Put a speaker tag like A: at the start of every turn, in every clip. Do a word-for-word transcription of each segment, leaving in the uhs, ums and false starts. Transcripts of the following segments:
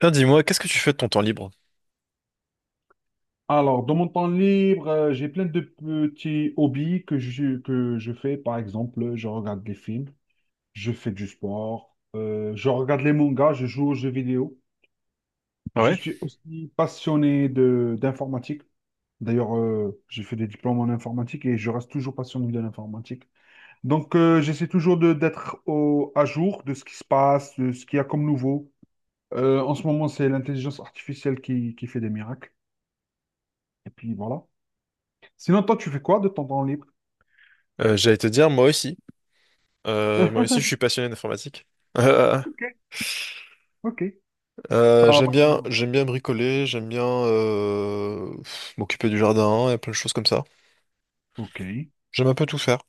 A: Tiens, dis-moi, qu'est-ce que tu fais de ton temps libre?
B: Alors, dans mon temps libre, euh, j'ai plein de petits hobbies que je, que je fais. Par exemple, je regarde des films, je fais du sport, euh, je regarde les mangas, je joue aux jeux vidéo.
A: Ah
B: Je
A: ouais.
B: suis aussi passionné de d'informatique. D'ailleurs, euh, j'ai fait des diplômes en informatique et je reste toujours passionné de l'informatique. Donc, euh, j'essaie toujours de d'être au- à jour de ce qui se passe, de ce qu'il y a comme nouveau. Euh, en ce moment, c'est l'intelligence artificielle qui, qui fait des miracles. Et puis voilà. Sinon, toi, tu fais quoi de ton temps libre?
A: Euh, j'allais te dire, moi aussi. Euh, moi aussi, je suis passionné d'informatique. Euh,
B: Ok, ok.
A: euh,
B: Ça
A: j'aime
B: va.
A: bien, j'aime bien bricoler, j'aime bien euh, pff, m'occuper du jardin et plein de choses comme ça.
B: Ok,
A: J'aime un peu tout faire.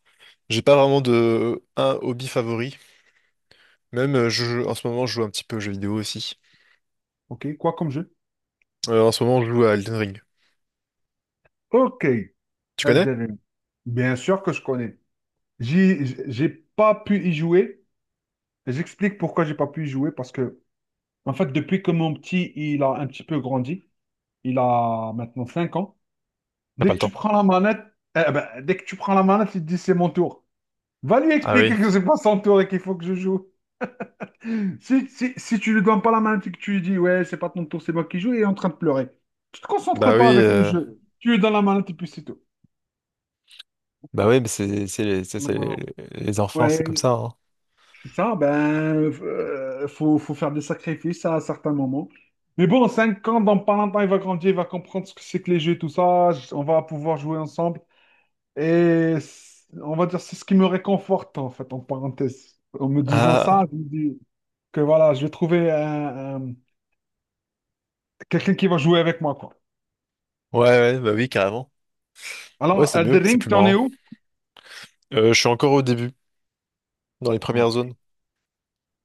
A: J'ai pas vraiment de un hobby favori. Même euh, je, en ce moment, je joue un petit peu aux jeux vidéo aussi.
B: ok. Quoi comme jeu?
A: Euh, en ce moment, je joue à Elden Ring.
B: Ok,
A: Tu connais?
B: Elden Ring. Bien sûr que je connais. J'y- j'- J'ai pas pu y jouer. J'explique pourquoi j'ai pas pu y jouer. Parce que, en fait, depuis que mon petit, il a un petit peu grandi, il a maintenant cinq ans.
A: T'as
B: Dès
A: pas
B: que
A: le
B: tu
A: temps.
B: prends la manette, eh ben, dès que tu prends la manette, il te dit c'est mon tour. Va lui
A: Ah
B: expliquer
A: oui.
B: que c'est pas son tour et qu'il faut que je joue. Si, si, si tu lui donnes pas la main et que tu lui dis, ouais, c'est pas ton tour, c'est moi qui joue, il est en train de pleurer. Tu te concentres
A: Bah oui,
B: pas avec le
A: euh,
B: jeu. Tu lui donnes la main et puis c'est tout.
A: bah oui, mais c'est c'est les, c'est-
B: Non,
A: c'est
B: non,
A: les
B: non.
A: les enfants, c'est comme
B: Ouais,
A: ça, hein.
B: c'est ça, ben, euh, faut, faut faire des sacrifices à certains moments. Mais bon, cinq ans, dans pas longtemps, il va grandir, il va comprendre ce que c'est que les jeux et tout ça. j- On va pouvoir jouer ensemble. Et c- on va dire, c'est ce qui me réconforte, en fait, en parenthèse. En me disant
A: Ah,
B: ça, je me dis que voilà, je vais trouver un- un- quelqu'un qui va jouer avec moi, quoi.
A: ouais, ouais, bah oui, carrément. Ouais,
B: Alors,
A: c'est mieux,
B: Elden
A: c'est
B: Ring,
A: plus
B: t'en es
A: marrant.
B: où?
A: Euh, je suis encore au début, dans les premières
B: Ok.
A: zones.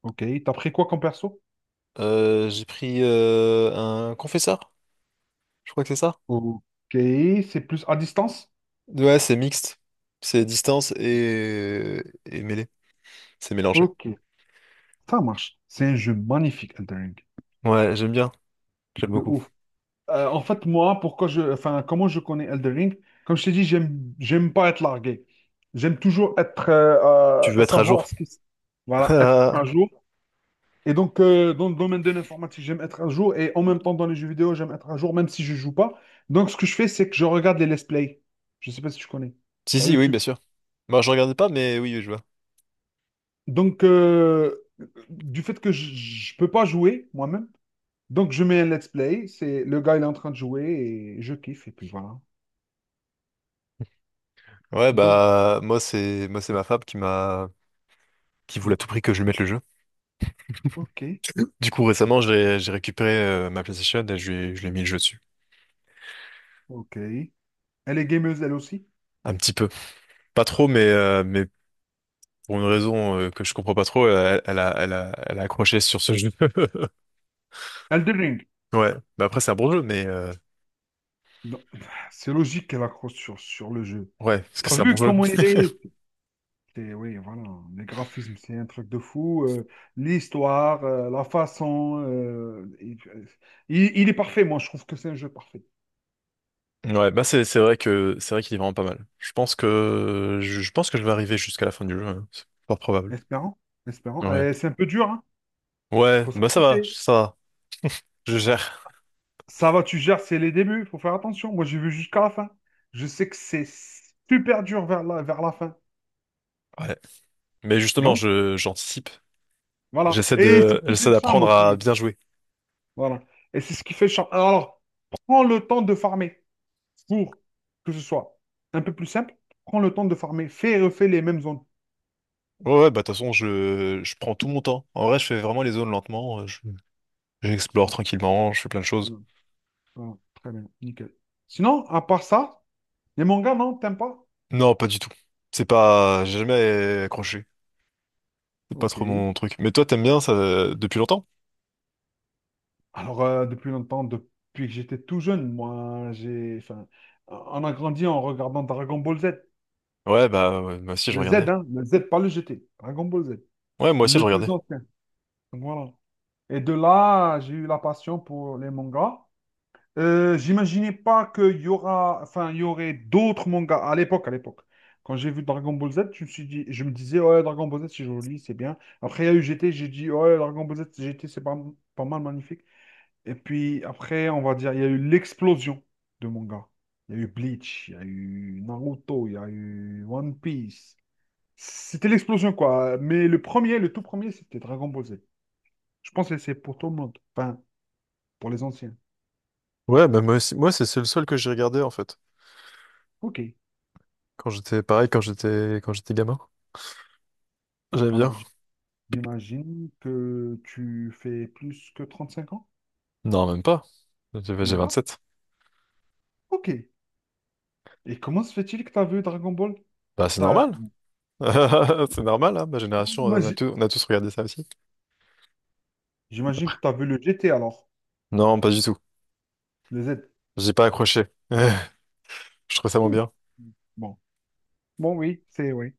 B: Ok. T'as pris quoi comme perso?
A: Euh, j'ai pris euh, un confesseur, je crois que c'est ça.
B: Ok. C'est plus à distance?
A: Ouais, c'est mixte. C'est distance et, et mêlée. C'est mélangé.
B: Ok. Ça marche. C'est un jeu magnifique, Elden Ring.
A: Ouais, j'aime bien. J'aime
B: De
A: beaucoup.
B: ouf. Euh, en fait, moi, pourquoi je, enfin, comment je connais Elden Ring? Comme je t'ai dit, j'aime, j'aime pas être largué. J'aime toujours être, euh,
A: Tu
B: euh,
A: veux être à
B: savoir
A: jour?
B: ce qui, se- voilà, être
A: Ah,
B: à jour. Et donc, euh, dans le domaine de l'informatique, j'aime être à jour. Et en même temps, dans les jeux vidéo, j'aime être à jour, même si je joue pas. Donc, ce que je fais, c'est que je regarde les let's play. Je sais pas si tu connais.
A: si,
B: Sur
A: si, oui, bien
B: YouTube.
A: sûr. Moi, je regardais pas, mais oui, oui, je vois.
B: Donc, euh, du fait que je ne peux pas jouer moi-même, donc je mets un let's play. C'est le gars, il est en train de jouer et je kiffe. Et puis voilà.
A: Ouais,
B: Donc,
A: bah, moi, c'est moi, c'est ma femme qui m'a qui voulait à tout prix que je lui mette le jeu.
B: ok,
A: Du coup, récemment, j'ai j'ai récupéré euh, ma PlayStation et je lui, ai- je lui ai mis le jeu dessus.
B: ok. Elle est gameuse, elle aussi.
A: Un petit peu. Pas trop, mais, euh, mais pour une raison euh, que je comprends pas trop, elle, elle a, elle a, elle a accroché sur ce jeu.
B: Elden Ring.
A: Ouais. Bah après, c'est un bon jeu, mais euh,
B: Donc, c'est logique qu'elle accroche sur, sur le jeu.
A: ouais, parce que
B: T'as
A: c'est un bon
B: vu
A: jeu.
B: comment il est? C'est- Oui, voilà. Les graphismes, c'est un truc de fou. Euh, l'histoire, euh, la façon. Euh, il, il est parfait, moi, je trouve que c'est un jeu parfait.
A: Ouais, bah c'est c'est vrai que c'est vrai qu'il est vraiment pas mal. Je pense que je, je pense que je vais arriver jusqu'à la fin du jeu, hein. C'est fort probable.
B: Espérant, espérant.
A: Ouais.
B: Euh, c'est un peu dur, hein?
A: Ouais,
B: faut
A: bah ça va,
B: s'accrocher.
A: ça va. Je gère.
B: Ça va, tu gères, c'est les débuts, faut faire attention. Moi, j'ai vu jusqu'à la fin. Je sais que c'est super dur vers la, vers la fin.
A: Ouais. Mais justement,
B: Donc,
A: je j'anticipe.
B: voilà.
A: J'essaie
B: Et c'est
A: de
B: ce qui fait
A: j'essaie
B: le charme
A: d'apprendre à
B: aussi.
A: bien jouer.
B: Voilà. Et c'est ce qui fait le charme. Alors, prends le temps de farmer pour que ce soit un peu plus simple. Prends le temps de farmer. Fais et refais les mêmes zones.
A: Ouais, ouais, bah de toute façon, je, je prends tout mon temps. En vrai, je fais vraiment les zones lentement. euh, je- J'explore
B: Voilà.
A: tranquillement, je fais plein de choses.
B: Voilà. Voilà. Très bien, nickel. Sinon, à part ça, les mangas, non, t'aimes pas?
A: Non, pas du tout. C'est pas... J'ai jamais accroché. C'est pas trop
B: Ok.
A: mon truc. Mais toi, t'aimes bien ça euh, depuis longtemps?
B: Alors, euh, depuis longtemps, depuis que j'étais tout jeune, moi, j'ai, enfin, on a grandi en regardant Dragon Ball Z.
A: Ouais, bah ouais, moi aussi, je
B: Le Z,
A: regardais.
B: hein, le Z, pas le G T. Dragon Ball Z,
A: Ouais, moi aussi, je
B: le plus
A: regardais.
B: ancien. Donc voilà. Et de là, j'ai eu la passion pour les mangas. Euh, j'imaginais pas qu'il y aura, enfin, il y aurait d'autres mangas à l'époque, à l'époque. Quand j'ai vu Dragon Ball Z, je me suis dit, je me disais, ouais, Dragon Ball Z, c'est joli, c'est bien. Après, il y a eu G T. J'ai dit, ouais, Dragon Ball Z, G T. C'est pas, pas mal, magnifique. Et puis après, on va dire, il y a eu l'explosion de manga. Il y a eu Bleach, il y a eu Naruto, il y a eu One Piece. C'était l'explosion, quoi. Mais le premier, le tout premier, c'était Dragon Ball Z. Je pense que c'est pour tout le monde. Enfin, pour les anciens.
A: Ouais, bah moi aussi, moi c'est c'est le seul que j'ai regardé en fait.
B: Ok.
A: Quand j'étais pareil, quand j'étais quand j'étais gamin. J'aimais
B: Alors,
A: bien.
B: j- j'imagine que tu fais plus que trente-cinq ans?
A: Non, même pas. J'ai
B: Même
A: j'ai
B: pas?
A: sept.
B: Ok. Et comment se fait-il que tu as vu Dragon Ball?
A: Bah c'est
B: T'as-
A: normal. C'est normal, hein, ma génération,
B: Moi,
A: on a
B: j-
A: tous, on a tous regardé ça aussi.
B: j'imagine que tu as vu le G T alors,
A: Non, pas du tout.
B: le Z.
A: J'ai pas accroché. Je trouve ça moins
B: Ouh.
A: bien.
B: Bon. Bon, oui, c'est oui.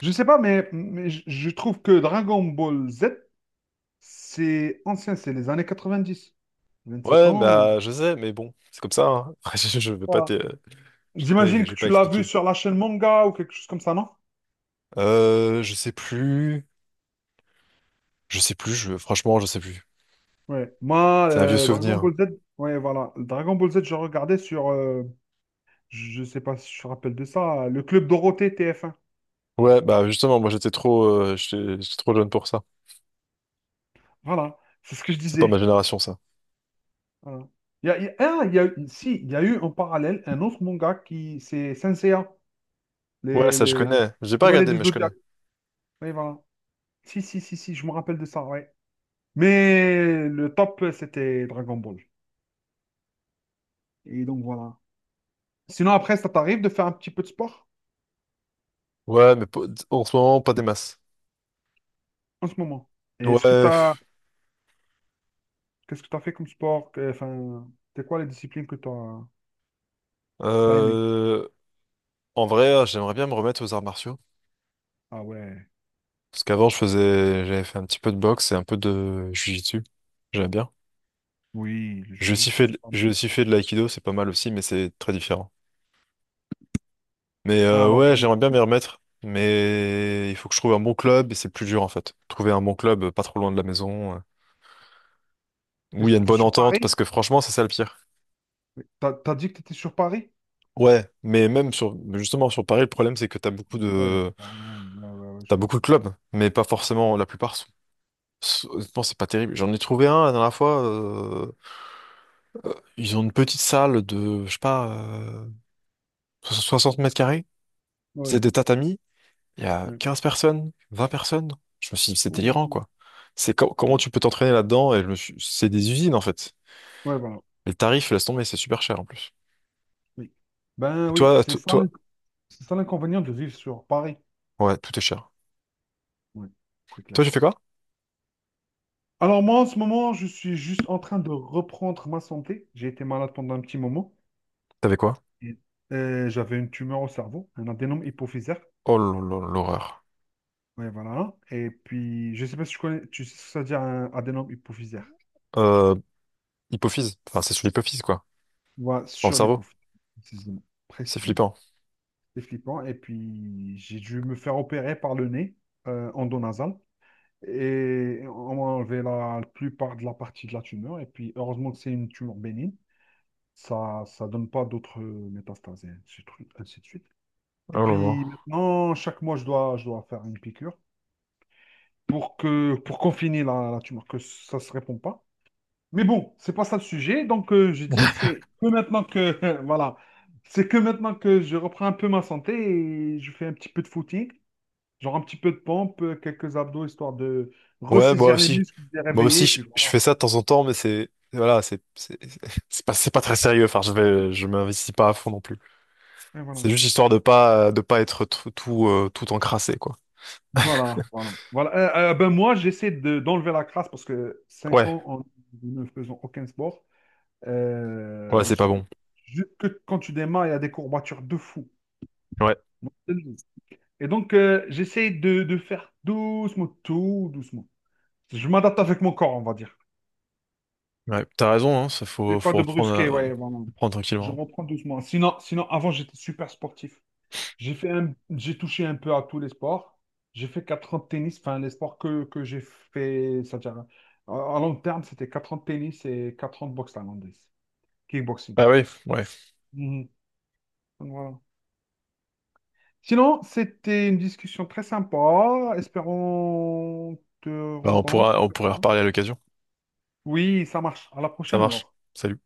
B: Je sais pas, mais, mais je je trouve que Dragon Ball Z, c'est ancien, c'est les années quatre-vingt-dix. vingt-sept
A: Ouais,
B: ans.
A: bah, je sais, mais bon, c'est comme ça, hein. Je, je vais pas
B: Voilà.
A: te, je vais pas,
B: J'imagine
A: je
B: que
A: vais pas
B: tu l'as vu
A: expliquer.
B: sur la chaîne manga ou quelque chose comme ça, non?
A: Euh, je sais plus, je sais plus, je, franchement, je sais plus.
B: Ouais. Moi,
A: C'est un vieux
B: euh, Dragon
A: souvenir.
B: Ball Z, ouais, voilà. Dragon Ball Z, je regardais sur, euh, je sais pas si je me rappelle de ça, le Club Dorothée t f un.
A: Ouais, bah, justement, moi, j'étais trop, euh, j'étais j'étais trop jeune pour ça.
B: Voilà, c'est ce que je
A: C'est pas ma
B: disais.
A: génération, ça.
B: Voilà. Il y a, il y a- ah, il y a- eu- Si, il y a eu en parallèle un autre manga qui, c'est Saint Seiya,
A: Ouais,
B: les,
A: ça, je
B: les
A: connais. J'ai pas
B: Chevaliers
A: regardé,
B: du
A: mais je connais.
B: Zodiaque. Oui, voilà. Si, si, si, si, je me rappelle de ça, ouais. Mais le top, c'était Dragon Ball. Et donc voilà. Sinon, après, ça t'arrive de faire un petit peu de sport
A: Ouais, mais pas-, en ce moment, pas des masses.
B: en ce moment? Et
A: Ouais,
B: est-ce que t'as...
A: pff,
B: Qu'est-ce que t'as fait comme sport? Que- Enfin, c'est quoi les disciplines que t'as que t'as aimées?
A: euh, en vrai, hein, j'aimerais bien me remettre aux arts martiaux.
B: Ah ouais,
A: Parce qu'avant, je faisais, j'avais fait un petit peu de boxe et un peu de jiu-jitsu. J'aimais bien.
B: oui, le
A: J'ai aussi fait,
B: jiu-jitsu, c'est
A: de-
B: pas mal.
A: j'ai aussi fait de l'aïkido, c'est pas mal aussi, mais c'est très différent. Mais euh,
B: Alors,
A: ouais,
B: euh,
A: j'aimerais bien m'y remettre, mais il faut que je trouve un bon club et c'est plus dur en fait. Trouver un bon club euh, pas trop loin de la maison, euh,
B: t'es,
A: où il y a une
B: t'es
A: bonne
B: sur
A: entente,
B: Paris?
A: parce que franchement, c'est ça le pire.
B: Oui. T'as, t'as dit que t'étais sur Paris?
A: Ouais, mais même sur, justement sur Paris, le problème c'est que t'as beaucoup
B: Ouais,
A: de,
B: pardon, ouais, ouais, ouais,
A: t'as
B: je vois
A: beaucoup de
B: ça.
A: clubs, mais pas forcément la plupart. Sont-, sont-, honnêtement, c'est pas terrible. J'en ai trouvé un la dernière fois. euh, euh, ils ont une petite salle de, je sais pas, euh, soixante mètres carrés. C'est
B: Ouais,
A: des tatamis. Il y a
B: ouais.
A: quinze personnes, vingt personnes. Je me suis dit, c'est délirant,
B: Ouh,
A: quoi. C'est co- comment
B: ouais,
A: tu peux t'entraîner là-dedans? Et je me suis- c'est des usines, en fait.
B: ouais, voilà,
A: Et le tarif, laisse tomber, c'est super cher, en plus.
B: oui. Ben
A: Et
B: oui,
A: toi,
B: c'est
A: to-
B: ça, l'in-
A: toi,
B: c'est ça l'inconvénient de vivre sur Paris.
A: ouais, tout est cher.
B: Ouais, c'est
A: Toi,
B: clair.
A: j'ai fait quoi?
B: Alors moi, en ce moment, je suis juste en train de reprendre ma santé. J'ai été malade pendant un petit moment.
A: T'avais quoi?
B: Et, euh, j'avais une tumeur au cerveau, un adénome hypophysaire.
A: Oh, là là, l'horreur.
B: Ouais, voilà. Et puis, je sais pas si tu connais, tu sais ce que ça veut dire un adénome hypophysaire.
A: Euh, hypophyse. Enfin, c'est sur l'hypophyse, quoi.
B: Voilà,
A: Dans le
B: sur
A: cerveau.
B: l'hypophyse, précisément.
A: C'est
B: Précisément.
A: flippant.
B: C'est flippant. Et puis, j'ai dû me faire opérer par le nez, euh, endonasal. Et on m'a enlevé la plupart de la partie de la tumeur. Et puis, heureusement que c'est une tumeur bénigne. Ça ça donne pas d'autres euh, métastases, et ainsi de suite. Ainsi de suite. Et
A: Oh là là.
B: puis maintenant, chaque mois, je dois, je dois faire une piqûre pour que pour confiner la, la tumeur, que ça se répond pas. Mais bon, c'est pas ça le sujet. Donc euh, je dis, c'est que maintenant que voilà, c'est que maintenant que je reprends un peu ma santé et je fais un petit peu de footing, genre un petit peu de pompe, euh, quelques abdos, histoire de
A: Ouais, moi
B: ressaisir les
A: aussi.
B: muscles, de les
A: Moi
B: réveiller,
A: aussi,
B: et
A: je,
B: puis
A: je
B: voilà.
A: fais ça de temps en temps, mais c'est, voilà, c'est, c'est, c'est pas, c'est pas très sérieux. Enfin, je vais, je m'investis pas à fond non plus.
B: Et voilà.
A: C'est juste histoire de pas, de pas être tout, tout, euh, tout encrassé, quoi.
B: Voilà, voilà, voilà. Euh, euh, ben moi, j'essaie de, d'enlever la crasse parce que cinq
A: Ouais,
B: ans en ne faisant aucun sport,
A: ouais,
B: euh,
A: c'est pas
B: je-
A: bon.
B: je- que quand tu démarres, il y a des courbatures de fou.
A: Ouais,
B: Moi, je te le dis. Et donc, euh, j'essaie de, de faire doucement, tout doucement. Je m'adapte avec mon corps, on va dire.
A: ouais, t'as raison, hein, ça faut,
B: C'est pas
A: faut
B: de
A: reprendre,
B: brusquer,
A: à-
B: ouais, vraiment.
A: reprendre
B: Je
A: tranquillement.
B: reprends doucement. Sinon, sinon avant, j'étais super sportif. J'ai fait un- j'ai touché un peu à tous les sports. J'ai fait quatre ans de tennis, enfin les sports que, que j'ai fait, c'est-à-dire à, à long terme, c'était quatre ans de tennis et quatre ans de boxe thaïlandaise, kickboxing.
A: Ah oui, ouais,
B: Mhm. Donc, voilà. Sinon, c'était une discussion très sympa. Espérons te
A: bah, on
B: rencontrer.
A: pourra, on pourrait reparler à l'occasion.
B: Oui, ça marche. À la
A: Ça
B: prochaine
A: marche.
B: alors.
A: Salut.